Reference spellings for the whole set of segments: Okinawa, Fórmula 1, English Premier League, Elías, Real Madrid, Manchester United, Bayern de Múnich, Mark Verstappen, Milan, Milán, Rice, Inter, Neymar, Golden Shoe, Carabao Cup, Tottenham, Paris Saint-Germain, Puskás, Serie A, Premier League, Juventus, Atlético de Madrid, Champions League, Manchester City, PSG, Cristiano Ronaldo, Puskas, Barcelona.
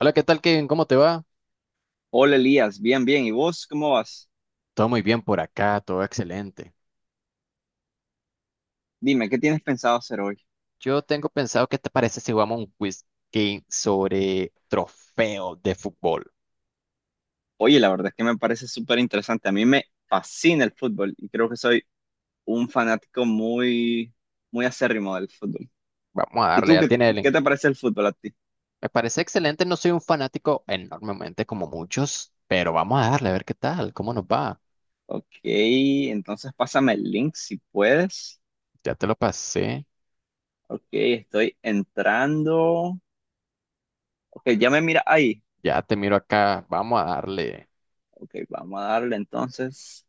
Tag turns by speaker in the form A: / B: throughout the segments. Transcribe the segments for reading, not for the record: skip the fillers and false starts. A: Hola, ¿qué tal, Kevin? ¿Cómo te va?
B: Hola Elías, bien, bien. ¿Y vos cómo vas?
A: Todo muy bien por acá, todo excelente.
B: Dime, ¿qué tienes pensado hacer hoy?
A: Yo tengo pensado, ¿qué te parece si jugamos un quiz game sobre trofeos de fútbol?
B: Oye, la verdad es que me parece súper interesante. A mí me fascina el fútbol y creo que soy un fanático muy, muy acérrimo del fútbol.
A: Vamos a
B: ¿Y
A: darle,
B: tú
A: ya
B: qué,
A: tiene el
B: qué
A: link.
B: te parece el fútbol a ti?
A: Me parece excelente, no soy un fanático enormemente como muchos, pero vamos a darle a ver qué tal, cómo nos va.
B: Ok, entonces pásame el link si puedes.
A: Ya te lo pasé,
B: Ok, estoy entrando. Ok, ya me mira ahí.
A: ya te miro acá, vamos a darle.
B: Ok, vamos a darle entonces.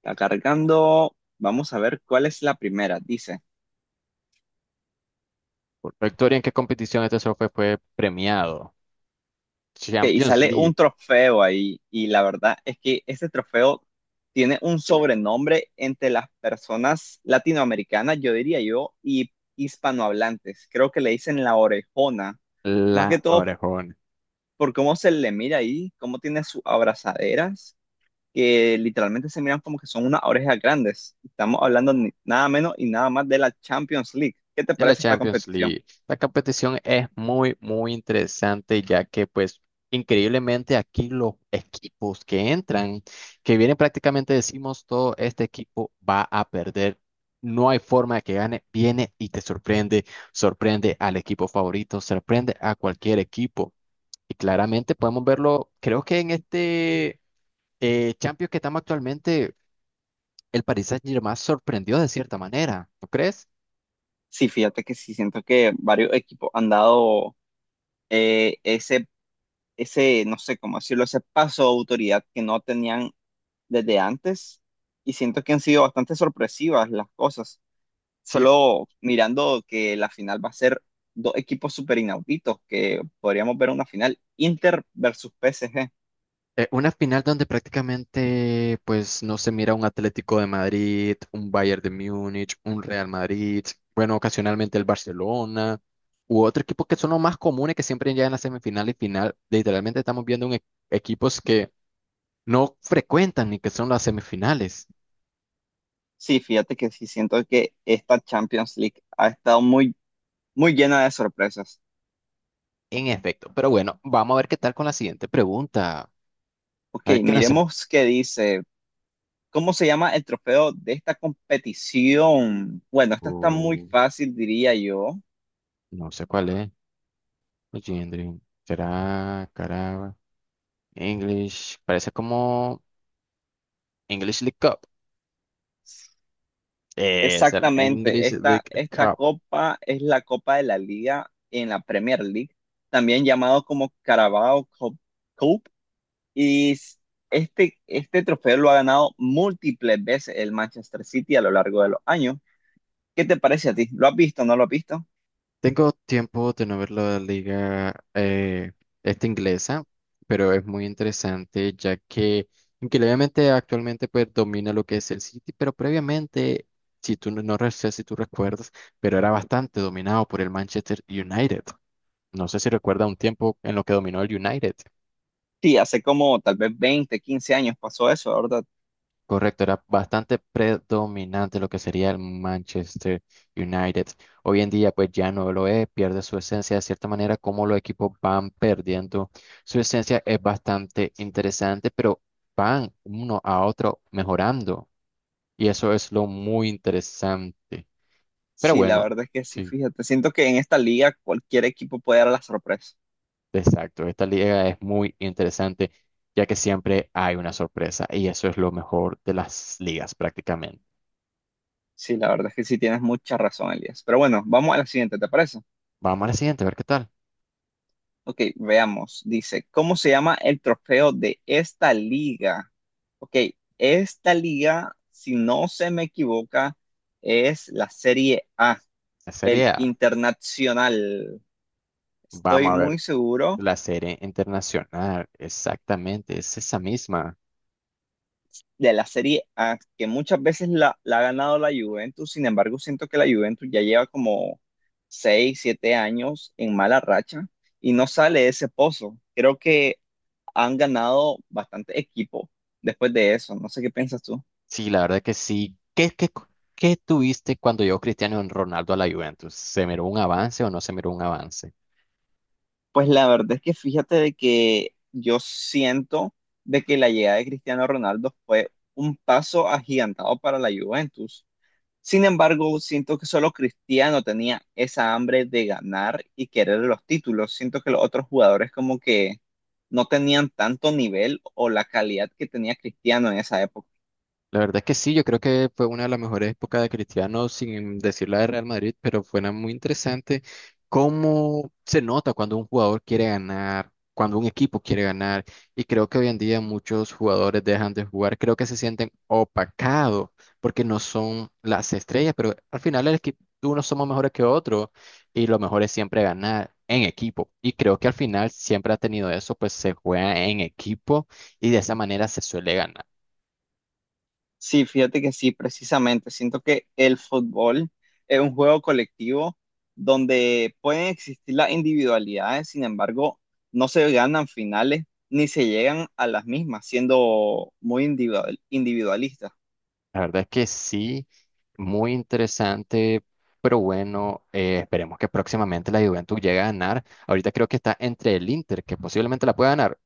B: Está cargando. Vamos a ver cuál es la primera. Dice.
A: Por Victoria, ¿en qué competición este trofeo fue premiado?
B: Ok, y
A: Champions
B: sale un
A: League,
B: trofeo ahí, y la verdad es que ese trofeo tiene un sobrenombre entre las personas latinoamericanas, yo diría yo, y hispanohablantes. Creo que le dicen la orejona, más que
A: la
B: todo
A: orejona.
B: por cómo se le mira ahí, cómo tiene sus abrazaderas, que literalmente se miran como que son unas orejas grandes. Estamos hablando nada menos y nada más de la Champions League. ¿Qué te
A: En la
B: parece esta
A: Champions
B: competición?
A: League, la competición es muy, muy interesante, ya que pues increíblemente aquí los equipos que entran, que vienen prácticamente decimos todo, este equipo va a perder. No hay forma de que gane, viene y te sorprende, sorprende al equipo favorito, sorprende a cualquier equipo. Y claramente podemos verlo, creo que en este Champions que estamos actualmente, el Paris Saint-Germain sorprendió de cierta manera, ¿no crees?
B: Sí, fíjate que sí, siento que varios equipos han dado ese no sé cómo decirlo, ese paso de autoridad que no tenían desde antes. Y siento que han sido bastante sorpresivas las cosas.
A: Sí.
B: Solo mirando que la final va a ser dos equipos súper inauditos, que podríamos ver una final Inter versus PSG.
A: Una final donde prácticamente pues no se mira un Atlético de Madrid, un Bayern de Múnich, un Real Madrid, bueno, ocasionalmente el Barcelona u otro equipo que son los más comunes que siempre llegan a semifinal y final. Literalmente estamos viendo un equipos que no frecuentan ni que son las semifinales.
B: Sí, fíjate que sí siento que esta Champions League ha estado muy, muy llena de sorpresas.
A: En efecto, pero bueno, vamos a ver qué tal con la siguiente pregunta.
B: Ok,
A: A ver qué no sé.
B: miremos qué dice. ¿Cómo se llama el trofeo de esta competición? Bueno, esta está muy
A: Uh,
B: fácil, diría yo.
A: no sé cuál es. Legendary. ¿Será Caraba? English. Parece como English League Cup. Será
B: Exactamente,
A: English
B: esta,
A: League
B: esta
A: Cup.
B: copa es la Copa de la Liga en la Premier League, también llamado como Carabao Cup, Cup, y s- este trofeo lo ha ganado múltiples veces el Manchester City a lo largo de los años. ¿Qué te parece a ti? ¿Lo has visto o no lo has visto?
A: Tengo tiempo de no ver la liga esta inglesa, pero es muy interesante ya que, aunque obviamente actualmente pues domina lo que es el City, pero previamente, si tú no sé si tú recuerdas, pero era bastante dominado por el Manchester United. No sé si recuerda un tiempo en lo que dominó el United.
B: Sí, hace como tal vez veinte quince años pasó eso, ¿verdad?
A: Correcto, era bastante predominante lo que sería el Manchester United. Hoy en día, pues ya no lo es, pierde su esencia. De cierta manera, como los equipos van perdiendo su esencia es bastante interesante, pero van uno a otro mejorando. Y eso es lo muy interesante. Pero
B: Sí, la
A: bueno,
B: verdad es que sí,
A: sí,
B: fíjate, siento que en esta liga cualquier equipo puede dar la sorpresa.
A: exacto. Esta liga es muy interesante, ya que siempre hay una sorpresa. Y eso es lo mejor de las ligas prácticamente.
B: Sí, la verdad es que sí tienes mucha razón, Elías. Pero bueno, vamos a la siguiente, ¿te parece?
A: Vamos a la siguiente, a ver qué tal.
B: Ok, veamos. Dice, ¿cómo se llama el trofeo de esta liga? Ok, esta liga, si no se me equivoca, es la Serie A,
A: La Serie
B: el
A: A.
B: Internacional. Estoy
A: Vamos a ver,
B: muy seguro
A: la serie internacional, exactamente, es esa misma.
B: de la Serie A, que muchas veces la ha ganado la Juventus. Sin embargo, siento que la Juventus ya lleva como 6, 7 años en mala racha y no sale de ese pozo. Creo que han ganado bastante equipo después de eso. No sé qué piensas tú.
A: Sí, la verdad que sí. ¿Qué tuviste cuando llegó Cristiano Ronaldo a la Juventus? ¿Se miró un avance o no se miró un avance?
B: Pues la verdad es que fíjate de que yo siento de que la llegada de Cristiano Ronaldo fue un paso agigantado para la Juventus. Sin embargo, siento que solo Cristiano tenía esa hambre de ganar y querer los títulos. Siento que los otros jugadores como que no tenían tanto nivel o la calidad que tenía Cristiano en esa época.
A: La verdad es que sí, yo creo que fue una de las mejores épocas de Cristiano, sin decir la de Real Madrid, pero fue una muy interesante cómo se nota cuando un jugador quiere ganar, cuando un equipo quiere ganar, y creo que hoy en día muchos jugadores dejan de jugar, creo que se sienten opacados porque no son las estrellas, pero al final el equipo, unos somos mejores que otros y lo mejor es siempre ganar en equipo, y creo que al final siempre ha tenido eso, pues se juega en equipo y de esa manera se suele ganar.
B: Sí, fíjate que sí, precisamente. Siento que el fútbol es un juego colectivo donde pueden existir las individualidades, sin embargo, no se ganan finales ni se llegan a las mismas, siendo muy individualista.
A: La verdad es que sí, muy interesante, pero bueno, esperemos que próximamente la Juventus llegue a ganar. Ahorita creo que está entre el Inter, que posiblemente la pueda ganar.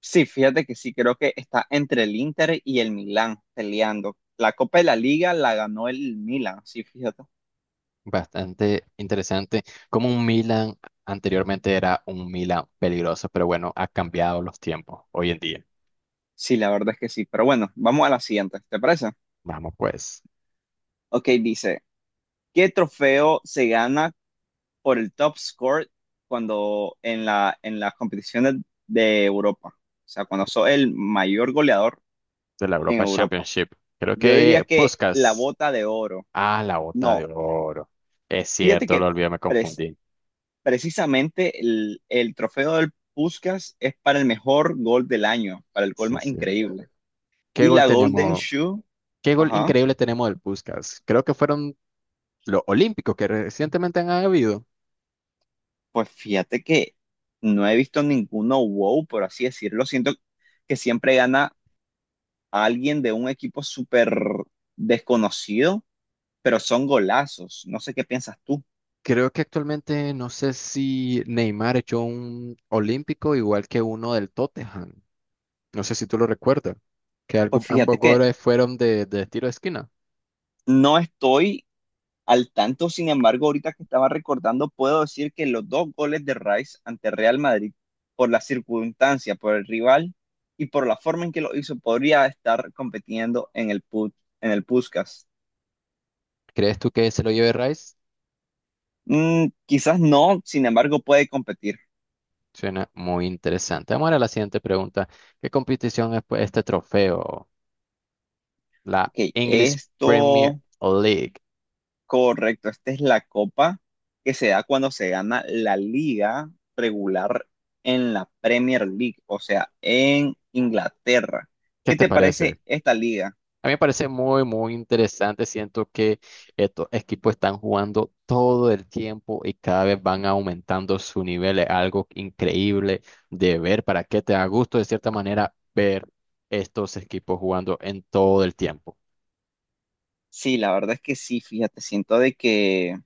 B: Sí, fíjate que sí, creo que está entre el Inter y el Milán peleando. La Copa de la Liga la ganó el Milán, sí, fíjate.
A: Bastante interesante, como un Milan anteriormente era un Milan peligroso, pero bueno, ha cambiado los tiempos hoy en día.
B: Sí, la verdad es que sí, pero bueno, vamos a la siguiente, ¿te parece?
A: Vamos pues,
B: Ok, dice, ¿qué trofeo se gana por el top score cuando en en las competiciones de Europa? O sea, cuando sos el mayor goleador
A: de la
B: en
A: Europa
B: Europa.
A: Championship. Creo
B: Yo diría
A: que
B: que la
A: Puskas,
B: bota de oro.
A: ah, la bota
B: No,
A: de oro. Es
B: fíjate
A: cierto, lo
B: que
A: olvidé, me
B: pres-
A: confundí.
B: precisamente el trofeo del Puskás es para el mejor gol del año, para el gol
A: Sí,
B: más
A: sí.
B: increíble.
A: ¿Qué
B: Y
A: gol
B: la Golden
A: tenemos?
B: Shoe,
A: Qué gol
B: ajá,
A: increíble tenemos del Puskás. Creo que fueron los olímpicos que recientemente han habido.
B: pues fíjate que no he visto ninguno wow, por así decirlo. Siento que siempre gana a alguien de un equipo súper desconocido, pero son golazos. No sé qué piensas tú.
A: Creo que actualmente no sé si Neymar echó un olímpico igual que uno del Tottenham. No sé si tú lo recuerdas. Que
B: Pues
A: ambos
B: fíjate que
A: goles fueron de tiro de esquina.
B: no estoy al tanto, sin embargo, ahorita que estaba recordando, puedo decir que los 2 goles de Rice ante Real Madrid, por la circunstancia, por el rival y por la forma en que lo hizo, podría estar compitiendo en en el Puskás.
A: ¿Crees tú que se lo lleve Rice?
B: Mm, quizás no, sin embargo, puede competir.
A: Suena muy interesante. Vamos a la siguiente pregunta. ¿Qué competición es pues, este trofeo? La
B: Ok,
A: English Premier
B: esto
A: League.
B: correcto, esta es la copa que se da cuando se gana la liga regular en la Premier League, o sea, en Inglaterra.
A: ¿Qué
B: ¿Qué
A: te
B: te
A: parece?
B: parece esta liga?
A: A mí me parece muy, muy interesante. Siento que estos equipos están jugando todo el tiempo y cada vez van aumentando su nivel. Es algo increíble de ver para que te da gusto, de cierta manera, ver estos equipos jugando en todo el tiempo.
B: Sí, la verdad es que sí, fíjate, siento de que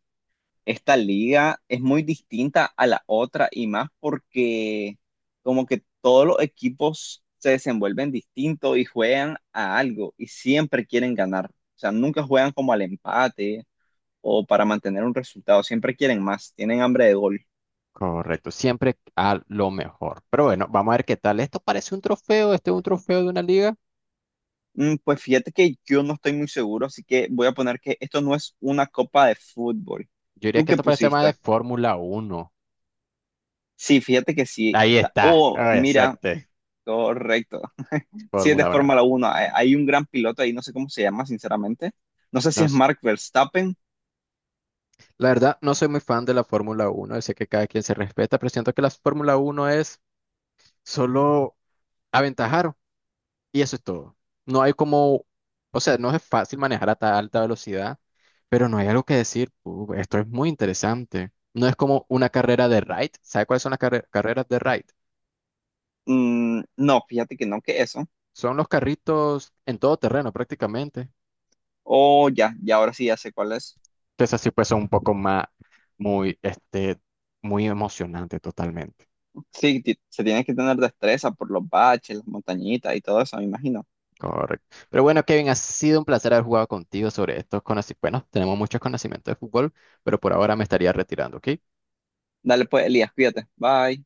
B: esta liga es muy distinta a la otra y más porque como que todos los equipos se desenvuelven distinto y juegan a algo y siempre quieren ganar. O sea, nunca juegan como al empate o para mantener un resultado. Siempre quieren más, tienen hambre de gol.
A: Correcto, siempre a lo mejor. Pero bueno, vamos a ver qué tal. Esto parece un trofeo, este es un trofeo de una liga.
B: Mm, pues fíjate que yo no estoy muy seguro, así que voy a poner que esto no es una copa de fútbol.
A: Yo diría
B: ¿Tú
A: que
B: qué
A: esto parece más de
B: pusiste?
A: Fórmula Uno.
B: Sí, fíjate que sí,
A: Ahí
B: está.
A: está,
B: Oh,
A: ay,
B: mira,
A: acerté,
B: correcto. Sí, es de
A: Fórmula 1.
B: Fórmula 1. Hay un gran piloto ahí, no sé cómo se llama, sinceramente. No sé si es Mark Verstappen.
A: La verdad, no soy muy fan de la Fórmula Uno, sé que cada quien se respeta, pero siento que la Fórmula Uno es solo aventajar y eso es todo. No hay como, o sea, no es fácil manejar a tan alta velocidad, pero no hay algo que decir, esto es muy interesante". No es como una carrera de ride. ¿Sabes cuáles son las carreras de ride?
B: Mm, no, fíjate que no, que eso.
A: Son los carritos en todo terreno prácticamente.
B: Oh, ya, ya ahora sí ya sé cuál es.
A: Entonces así pues son un poco más, muy, muy emocionante totalmente.
B: Sí, se tiene que tener destreza por los baches, las montañitas y todo eso, me imagino.
A: Correcto. Pero bueno, Kevin, ha sido un placer haber jugado contigo sobre estos conocimientos. Bueno, tenemos muchos conocimientos de fútbol, pero por ahora me estaría retirando, ¿ok?
B: Dale pues, Elías, cuídate. Bye.